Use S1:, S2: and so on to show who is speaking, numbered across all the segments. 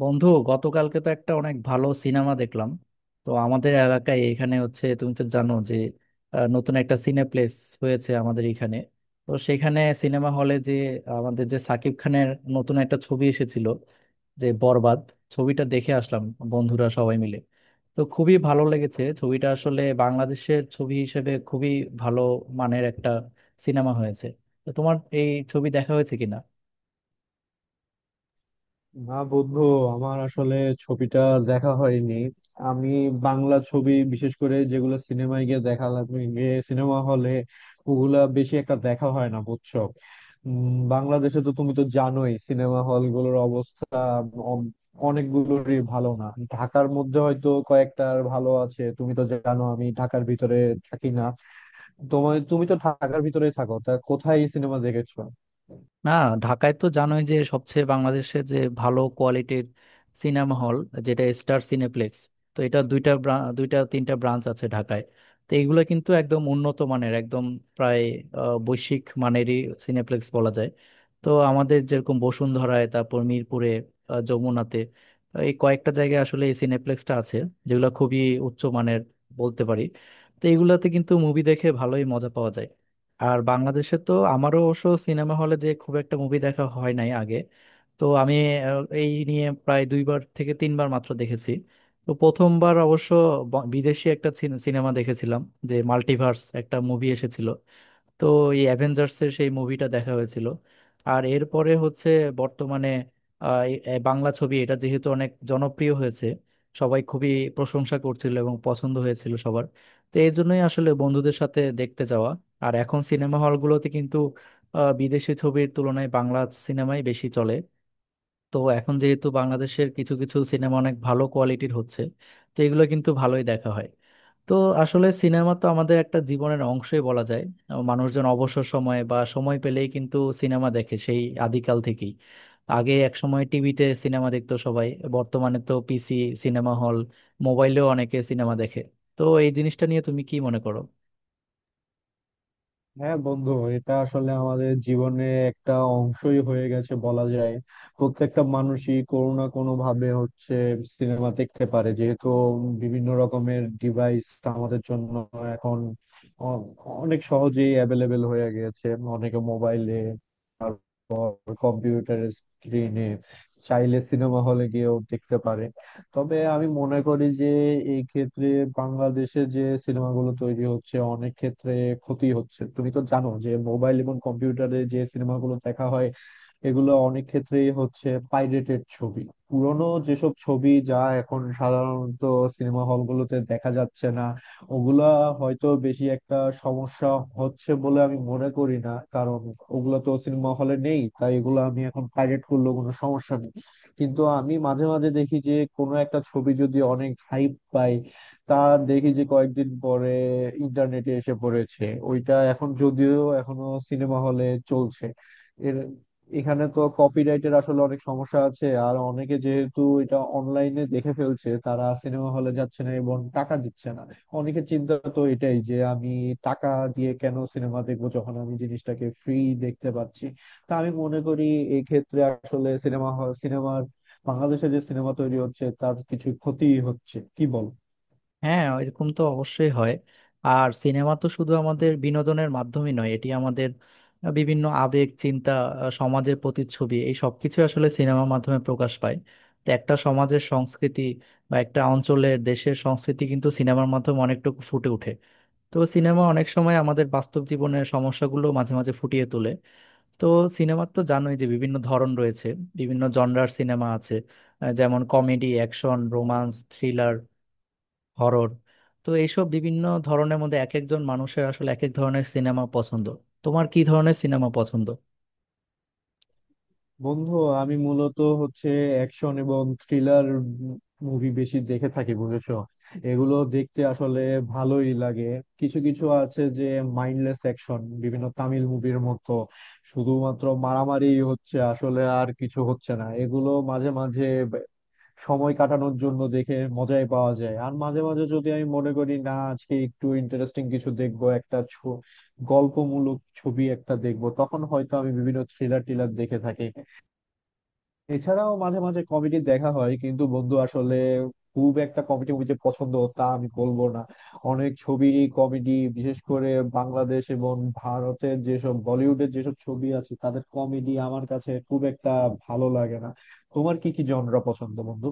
S1: বন্ধু, গতকালকে তো একটা অনেক ভালো সিনেমা দেখলাম। তো আমাদের এলাকায় এখানে হচ্ছে, তুমি তো জানো যে নতুন একটা সিনেপ্লেক্স হয়েছে আমাদের এখানে। তো সেখানে সিনেমা হলে যে আমাদের যে সাকিব খানের নতুন একটা ছবি এসেছিল, যে বরবাদ, ছবিটা দেখে আসলাম বন্ধুরা সবাই মিলে। তো খুবই ভালো লেগেছে ছবিটা, আসলে বাংলাদেশের ছবি হিসেবে খুবই ভালো মানের একটা সিনেমা হয়েছে। তো তোমার এই ছবি দেখা হয়েছে কিনা?
S2: না বন্ধু, আমার আসলে ছবিটা দেখা হয়নি। আমি বাংলা ছবি বিশেষ করে যেগুলো সিনেমায় গিয়ে দেখা লাগে, গিয়ে সিনেমা হলে, ওগুলা বেশি একটা দেখা হয় না বুঝছো। বাংলাদেশে তো তুমি তো জানোই সিনেমা হল গুলোর অবস্থা অন- অনেকগুলোরই ভালো না। ঢাকার মধ্যে হয়তো কয়েকটার ভালো আছে, তুমি তো জানো আমি ঢাকার ভিতরে থাকি না। তোমার তুমি তো ঢাকার ভিতরেই থাকো, তা কোথায় সিনেমা দেখেছো?
S1: না, ঢাকায় তো জানোই যে সবচেয়ে বাংলাদেশে যে ভালো কোয়ালিটির সিনেমা হল যেটা স্টার সিনেপ্লেক্স। তো এটা দুইটা তিনটা ব্রাঞ্চ আছে ঢাকায়। তো এইগুলো কিন্তু একদম উন্নত মানের, একদম প্রায় বৈশ্বিক মানেরই সিনেপ্লেক্স বলা যায়। তো আমাদের যেরকম বসুন্ধরায়, তারপর মিরপুরে, যমুনাতে, এই কয়েকটা জায়গায় আসলে এই সিনেপ্লেক্সটা আছে, যেগুলো খুবই উচ্চ মানের বলতে পারি। তো এইগুলাতে কিন্তু মুভি দেখে ভালোই মজা পাওয়া যায়। আর বাংলাদেশে তো আমারও অবশ্য সিনেমা হলে যে খুব একটা মুভি দেখা হয় নাই আগে। তো আমি এই নিয়ে প্রায় দুইবার থেকে তিনবার মাত্র দেখেছি। তো প্রথমবার অবশ্য বিদেশি একটা সিনেমা দেখেছিলাম, যে মাল্টিভার্স একটা মুভি এসেছিল। তো এই অ্যাভেঞ্জার্সের সেই মুভিটা দেখা হয়েছিল। আর এরপরে হচ্ছে বর্তমানে এই বাংলা ছবি, এটা যেহেতু অনেক জনপ্রিয় হয়েছে, সবাই খুবই প্রশংসা করছিল এবং পছন্দ হয়েছিল সবার। তো এই জন্যই আসলে বন্ধুদের সাথে দেখতে যাওয়া। আর এখন সিনেমা হলগুলোতে কিন্তু বিদেশি ছবির তুলনায় বাংলা সিনেমাই বেশি চলে। তো এখন যেহেতু বাংলাদেশের কিছু কিছু সিনেমা অনেক ভালো কোয়ালিটির হচ্ছে, তো এগুলো কিন্তু ভালোই দেখা হয়। তো আসলে সিনেমা তো আমাদের একটা জীবনের অংশই বলা যায়। মানুষজন অবসর সময়ে বা সময় পেলেই কিন্তু সিনেমা দেখে সেই আদিকাল থেকেই। আগে এক সময় টিভিতে সিনেমা দেখতো সবাই। বর্তমানে তো পিসি, সিনেমা হল, মোবাইলেও অনেকে সিনেমা দেখে। তো এই জিনিসটা নিয়ে তুমি কি মনে করো?
S2: হ্যাঁ বন্ধু, এটা আসলে আমাদের জীবনে একটা অংশই হয়ে গেছে বলা যায়। প্রত্যেকটা মানুষই কোনো না কোনো ভাবে হচ্ছে সিনেমা দেখতে পারে, যেহেতু বিভিন্ন রকমের ডিভাইস আমাদের জন্য এখন অ- অনেক সহজেই অ্যাভেলেবেল হয়ে গেছে। অনেকে মোবাইলে, তারপর কম্পিউটার স্ক্রিনে, চাইলে সিনেমা হলে গিয়েও দেখতে পারে। তবে আমি মনে করি যে এই ক্ষেত্রে বাংলাদেশে যে সিনেমাগুলো তৈরি হচ্ছে অনেক ক্ষেত্রে ক্ষতি হচ্ছে। তুমি তো জানো যে মোবাইল এবং কম্পিউটারে যে সিনেমাগুলো দেখা হয় এগুলো অনেক ক্ষেত্রেই হচ্ছে পাইরেটেড ছবি। পুরনো যেসব ছবি যা এখন সাধারণত সিনেমা হলগুলোতে দেখা যাচ্ছে না, ওগুলা হয়তো বেশি একটা সমস্যা হচ্ছে বলে আমি মনে করি না, কারণ ওগুলো তো সিনেমা হলে নেই, তাই এগুলো আমি এখন পাইরেট করলেও কোনো সমস্যা নেই। কিন্তু আমি মাঝে মাঝে দেখি যে কোনো একটা ছবি যদি অনেক হাইপ পায়, তা দেখি যে কয়েকদিন পরে ইন্টারনেটে এসে পড়েছে, ওইটা এখন যদিও এখনো সিনেমা হলে চলছে। এর এখানে তো কপিরাইটের আসলে অনেক সমস্যা আছে, আর অনেকে যেহেতু এটা অনলাইনে দেখে ফেলছে, তারা সিনেমা হলে যাচ্ছে না এবং টাকা দিচ্ছে না। অনেকে চিন্তা তো এটাই যে আমি টাকা দিয়ে কেন সিনেমা দেখবো যখন আমি জিনিসটাকে ফ্রি দেখতে পাচ্ছি। তা আমি মনে করি এই ক্ষেত্রে আসলে সিনেমা, সিনেমার, বাংলাদেশে যে সিনেমা তৈরি হচ্ছে তার কিছু ক্ষতি হচ্ছে, কি বল?
S1: হ্যাঁ, এরকম তো অবশ্যই হয়। আর সিনেমা তো শুধু আমাদের বিনোদনের মাধ্যমই নয়, এটি আমাদের বিভিন্ন আবেগ, চিন্তা, সমাজের প্রতিচ্ছবি, এই সবকিছু আসলে সিনেমার মাধ্যমে প্রকাশ পায়। তো একটা সমাজের সংস্কৃতি বা একটা অঞ্চলের দেশের সংস্কৃতি কিন্তু সিনেমার মাধ্যমে অনেকটুকু ফুটে ওঠে। তো সিনেমা অনেক সময় আমাদের বাস্তব জীবনের সমস্যাগুলো মাঝে মাঝে ফুটিয়ে তোলে। তো সিনেমার তো জানোই যে বিভিন্ন ধরন রয়েছে, বিভিন্ন জনরার সিনেমা আছে, যেমন comedy, action, romance, thriller, horror. তো এইসব বিভিন্ন ধরনের মধ্যে এক একজন মানুষের আসলে এক এক ধরনের সিনেমা পছন্দ। তোমার কি ধরনের সিনেমা পছন্দ?
S2: বন্ধু, আমি মূলত হচ্ছে অ্যাকশন এবং থ্রিলার মুভি বেশি দেখে থাকি বুঝেছো। এগুলো দেখতে আসলে ভালোই লাগে। কিছু কিছু আছে যে মাইন্ডলেস অ্যাকশন, বিভিন্ন তামিল মুভির মতো, শুধুমাত্র মারামারি হচ্ছে আসলে আর কিছু হচ্ছে না, এগুলো মাঝে মাঝে ব- সময় কাটানোর জন্য দেখে মজাই পাওয়া যায়। আর মাঝে মাঝে যদি আমি মনে করি না আজকে একটু ইন্টারেস্টিং কিছু দেখবো, একটা গল্পমূলক ছবি একটা দেখবো, তখন হয়তো আমি বিভিন্ন থ্রিলার টিলার দেখে থাকি। এছাড়াও মাঝে মাঝে কমেডি দেখা হয়, কিন্তু বন্ধু আসলে খুব একটা কমেডি মুভি যে পছন্দ তা আমি বলবো না। অনেক ছবি কমেডি বিশেষ করে বাংলাদেশ এবং ভারতের যেসব বলিউডের যেসব ছবি আছে তাদের কমেডি আমার কাছে খুব একটা ভালো লাগে না। তোমার কি কি জনরা পছন্দ বন্ধু?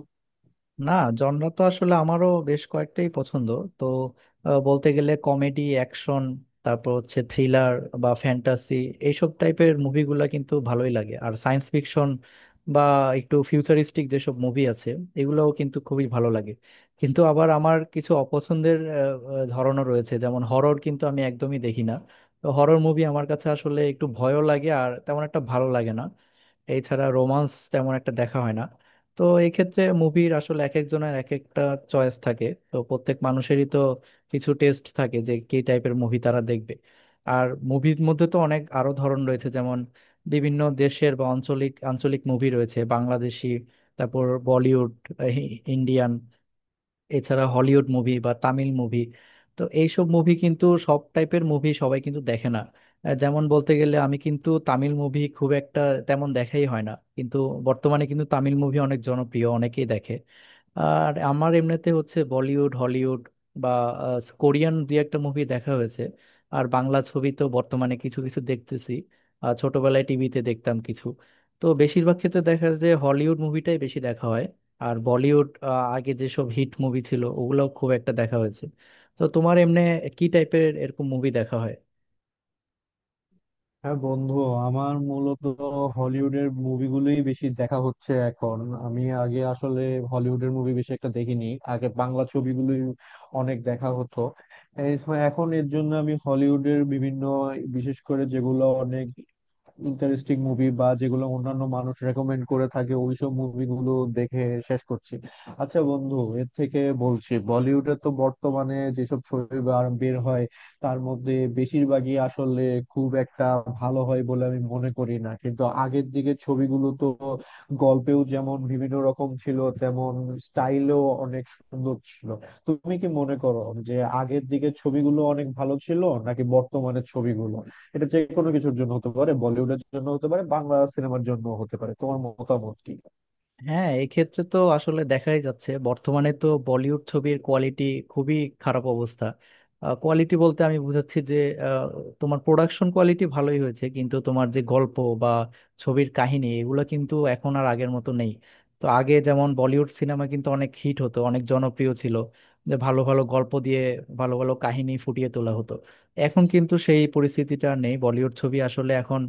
S1: না, জনরা তো আসলে আমারও বেশ কয়েকটাই পছন্দ। তো বলতে গেলে কমেডি, অ্যাকশন, তারপর হচ্ছে থ্রিলার বা ফ্যান্টাসি, এইসব টাইপের মুভিগুলা কিন্তু ভালোই লাগে। আর সায়েন্স ফিকশন বা একটু ফিউচারিস্টিক যেসব মুভি আছে, এগুলোও কিন্তু খুবই ভালো লাগে। কিন্তু আবার আমার কিছু অপছন্দের আহ, আহ, ধরনও রয়েছে, যেমন হরর কিন্তু আমি একদমই দেখি না। তো হরর মুভি আমার কাছে আসলে একটু ভয়ও লাগে আর তেমন একটা ভালো লাগে না। এছাড়া রোমান্স তেমন একটা দেখা হয় না। তো এক্ষেত্রে মুভির আসলে এক একজনের এক একটা চয়েস থাকে, তো প্রত্যেক মানুষেরই তো কিছু টেস্ট থাকে যে কি টাইপের মুভি তারা দেখবে। আর মুভির মধ্যে তো অনেক আরো ধরন রয়েছে, যেমন বিভিন্ন দেশের বা আঞ্চলিক আঞ্চলিক মুভি রয়েছে, বাংলাদেশি, তারপর বলিউড, ইন্ডিয়ান, এছাড়া হলিউড মুভি বা তামিল মুভি। তো এইসব মুভি কিন্তু সব টাইপের মুভি সবাই কিন্তু দেখে না। যেমন বলতে গেলে আমি কিন্তু তামিল মুভি খুব একটা তেমন দেখাই হয় না, কিন্তু বর্তমানে কিন্তু তামিল মুভি অনেক জনপ্রিয়, অনেকেই দেখে। আর আমার এমনিতে হচ্ছে বলিউড, হলিউড বা কোরিয়ান দুই একটা মুভি দেখা হয়েছে। আর বাংলা ছবি তো বর্তমানে কিছু কিছু দেখতেছি, আর ছোটবেলায় টিভিতে দেখতাম কিছু। তো বেশিরভাগ ক্ষেত্রে দেখা যায় যে হলিউড মুভিটাই বেশি দেখা হয়। আর বলিউড আগে যেসব হিট মুভি ছিল ওগুলোও খুব একটা দেখা হয়েছে। তো তোমার এমনি কি টাইপের এরকম মুভি দেখা হয়?
S2: হ্যাঁ বন্ধু, আমার মূলত হলিউডের মুভিগুলোই বেশি দেখা হচ্ছে এখন। আমি আগে আসলে হলিউডের মুভি বেশি একটা দেখিনি, আগে বাংলা ছবিগুলোই অনেক দেখা হতো। এখন এর জন্য আমি হলিউডের বিভিন্ন, বিশেষ করে যেগুলো অনেক ইন্টারেস্টিং মুভি বা যেগুলো অন্যান্য মানুষ রেকমেন্ড করে থাকে ওইসব মুভিগুলো দেখে শেষ করছি। আচ্ছা বন্ধু, এর থেকে বলছি, বলিউডে তো বর্তমানে যেসব ছবি বের হয়, তার মধ্যে বেশিরভাগই আসলে খুব একটা ভালো হয় বলে আমি মনে করি না, কিন্তু আগের দিকের ছবিগুলো তো গল্পেও যেমন বিভিন্ন রকম ছিল, তেমন স্টাইলও অনেক সুন্দর ছিল। তুমি কি মনে করো যে আগের দিকের ছবিগুলো অনেক ভালো ছিল নাকি বর্তমানের ছবিগুলো? এটা যে কোনো কিছুর জন্য হতে পারে, বলিউডের জন্য হতে পারে, বাংলা সিনেমার জন্য হতে পারে, তোমার মতামত কি?
S1: হ্যাঁ, এক্ষেত্রে তো আসলে দেখাই যাচ্ছে বর্তমানে তো বলিউড ছবির কোয়ালিটি খুবই খারাপ অবস্থা। কোয়ালিটি বলতে আমি বুঝাচ্ছি যে আহ, তোমার প্রোডাকশন কোয়ালিটি ভালোই হয়েছে কিন্তু তোমার যে গল্প বা ছবির কাহিনী এগুলো কিন্তু এখন আর আগের মতো নেই। তো আগে যেমন বলিউড সিনেমা কিন্তু অনেক হিট হতো, অনেক জনপ্রিয় ছিল, যে ভালো ভালো গল্প দিয়ে ভালো ভালো কাহিনী ফুটিয়ে তোলা হতো। এখন কিন্তু সেই পরিস্থিতিটা আর নেই। বলিউড ছবি আসলে এখন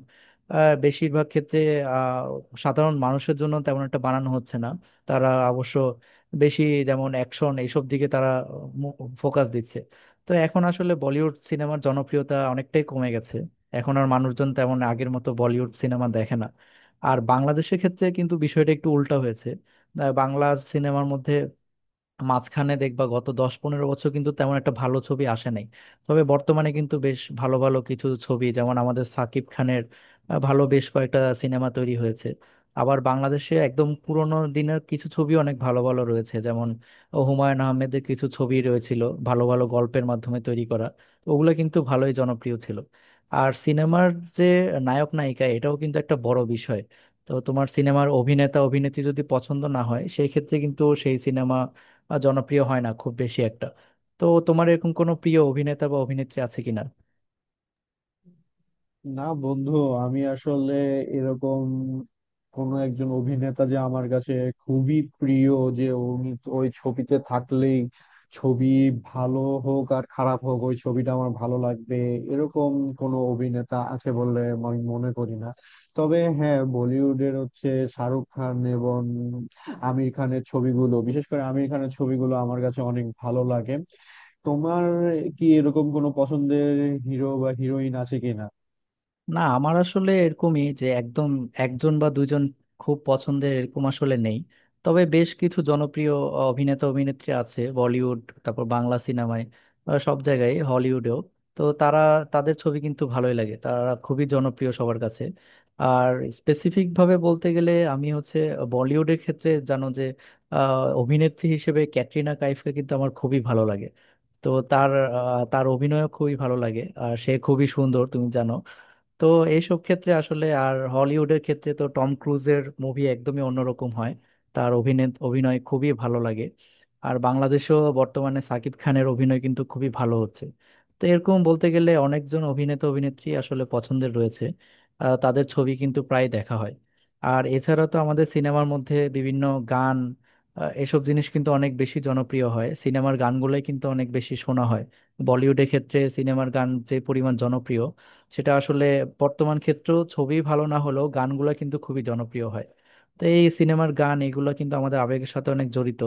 S1: বেশিরভাগ ক্ষেত্রে সাধারণ মানুষের জন্য তেমন একটা বানানো হচ্ছে না। তারা অবশ্য বেশি, যেমন অ্যাকশন, এইসব দিকে তারা ফোকাস দিচ্ছে। তো এখন আসলে বলিউড সিনেমার জনপ্রিয়তা অনেকটাই কমে গেছে, এখন আর মানুষজন তেমন আগের মতো বলিউড সিনেমা দেখে না। আর বাংলাদেশের ক্ষেত্রে কিন্তু বিষয়টা একটু উল্টা হয়েছে। বাংলা সিনেমার মধ্যে মাঝখানে দেখবা গত 10-15 বছর কিন্তু তেমন একটা ভালো ছবি আসে নাই। তবে বর্তমানে কিন্তু বেশ ভালো ভালো কিছু ছবি, যেমন আমাদের সাকিব খানের ভালো বেশ কয়েকটা সিনেমা তৈরি হয়েছে। আবার বাংলাদেশে একদম পুরোনো দিনের কিছু ছবি অনেক ভালো ভালো রয়েছে, যেমন হুমায়ুন আহমেদের কিছু ছবি রয়েছিল, ভালো ভালো গল্পের মাধ্যমে তৈরি করা। তো ওগুলো কিন্তু ভালোই জনপ্রিয় ছিল। আর সিনেমার যে নায়ক নায়িকা এটাও কিন্তু একটা বড় বিষয়। তো তোমার সিনেমার অভিনেতা অভিনেত্রী যদি পছন্দ না হয় সেই ক্ষেত্রে কিন্তু সেই সিনেমা বা জনপ্রিয় হয় না খুব বেশি একটা। তো তোমার এরকম কোনো প্রিয় অভিনেতা বা অভিনেত্রী আছে কিনা?
S2: না বন্ধু, আমি আসলে এরকম কোন একজন অভিনেতা যে আমার কাছে খুবই প্রিয়, যে উনি তো ওই ছবিতে থাকলেই ছবি ভালো হোক আর খারাপ হোক ওই ছবিটা আমার ভালো লাগবে, এরকম কোনো অভিনেতা আছে বলে আমি মনে করি না। তবে হ্যাঁ, বলিউডের হচ্ছে শাহরুখ খান এবং আমির খানের ছবিগুলো, বিশেষ করে আমির খানের ছবিগুলো আমার কাছে অনেক ভালো লাগে। তোমার কি এরকম কোনো পছন্দের হিরো বা হিরোইন আছে কিনা?
S1: না, আমার আসলে এরকমই যে একদম একজন বা দুইজন খুব পছন্দের এরকম আসলে নেই। তবে বেশ কিছু জনপ্রিয় অভিনেতা অভিনেত্রী আছে, বলিউড, তারপর বাংলা সিনেমায়, সব জায়গায়, হলিউডেও। তো তারা, তাদের ছবি কিন্তু ভালোই লাগে, তারা খুবই জনপ্রিয় সবার কাছে। আর স্পেসিফিক ভাবে বলতে গেলে আমি হচ্ছে বলিউডের ক্ষেত্রে জানো যে অভিনেত্রী হিসেবে ক্যাটরিনা কাইফকে কিন্তু আমার খুবই ভালো লাগে। তো তার অভিনয়ও খুবই ভালো লাগে আর সে খুবই সুন্দর, তুমি জানো। তো এইসব ক্ষেত্রে আসলে, আর হলিউডের ক্ষেত্রে তো টম ক্রুজের মুভি একদমই অন্যরকম হয়, তার অভিনয় অভিনয় খুবই ভালো লাগে। আর বাংলাদেশেও বর্তমানে সাকিব খানের অভিনয় কিন্তু খুবই ভালো হচ্ছে। তো এরকম বলতে গেলে অনেকজন অভিনেতা অভিনেত্রী আসলে পছন্দের রয়েছে, তাদের ছবি কিন্তু প্রায় দেখা হয়। আর এছাড়া তো আমাদের সিনেমার মধ্যে বিভিন্ন গান, এসব জিনিস কিন্তু অনেক বেশি জনপ্রিয় হয়, সিনেমার গানগুলোই কিন্তু অনেক বেশি শোনা হয়। বলিউডের ক্ষেত্রে সিনেমার গান যে পরিমাণ জনপ্রিয়, সেটা আসলে বর্তমান ক্ষেত্রেও ছবি ভালো না হলেও গানগুলো কিন্তু খুবই জনপ্রিয় হয়। তো এই সিনেমার গান এগুলো কিন্তু আমাদের আবেগের সাথে অনেক জড়িত।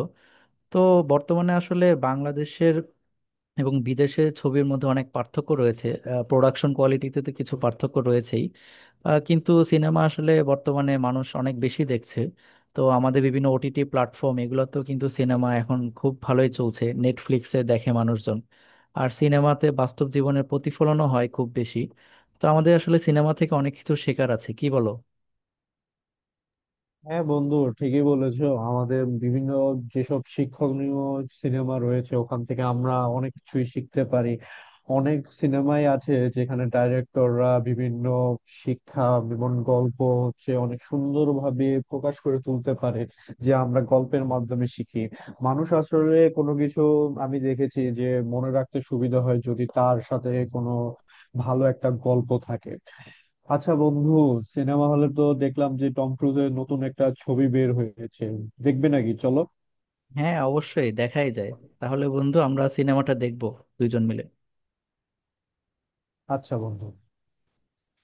S1: তো বর্তমানে আসলে বাংলাদেশের এবং বিদেশের ছবির মধ্যে অনেক পার্থক্য রয়েছে, প্রোডাকশন কোয়ালিটিতে তো কিছু পার্থক্য রয়েছেই। কিন্তু সিনেমা আসলে বর্তমানে মানুষ অনেক বেশি দেখছে। তো আমাদের বিভিন্ন ওটিটি প্ল্যাটফর্ম এগুলোতেও কিন্তু সিনেমা এখন খুব ভালোই চলছে, নেটফ্লিক্সে দেখে মানুষজন। আর সিনেমাতে বাস্তব জীবনের প্রতিফলনও হয় খুব বেশি। তো আমাদের আসলে সিনেমা থেকে অনেক কিছু শেখার আছে, কি বলো?
S2: হ্যাঁ বন্ধু, ঠিকই বলেছো, আমাদের বিভিন্ন যেসব শিক্ষণীয় সিনেমা রয়েছে ওখান থেকে আমরা অনেক কিছুই শিখতে পারি। অনেক সিনেমাই আছে যেখানে ডাইরেক্টররা বিভিন্ন শিক্ষা এবং গল্প হচ্ছে অনেক সুন্দরভাবে প্রকাশ করে তুলতে পারে। যে আমরা গল্পের মাধ্যমে শিখি, মানুষ আসলে কোনো কিছু, আমি দেখেছি যে মনে রাখতে সুবিধা হয় যদি তার সাথে কোনো ভালো একটা গল্প থাকে। আচ্ছা বন্ধু, সিনেমা হলে তো দেখলাম যে টম ক্রুজের নতুন একটা ছবি বের হয়েছে, দেখবে নাকি চলো?
S1: হ্যাঁ, অবশ্যই দেখাই যায়। তাহলে বন্ধু আমরা সিনেমাটা দেখবো দুইজন মিলে।
S2: আচ্ছা বন্ধু।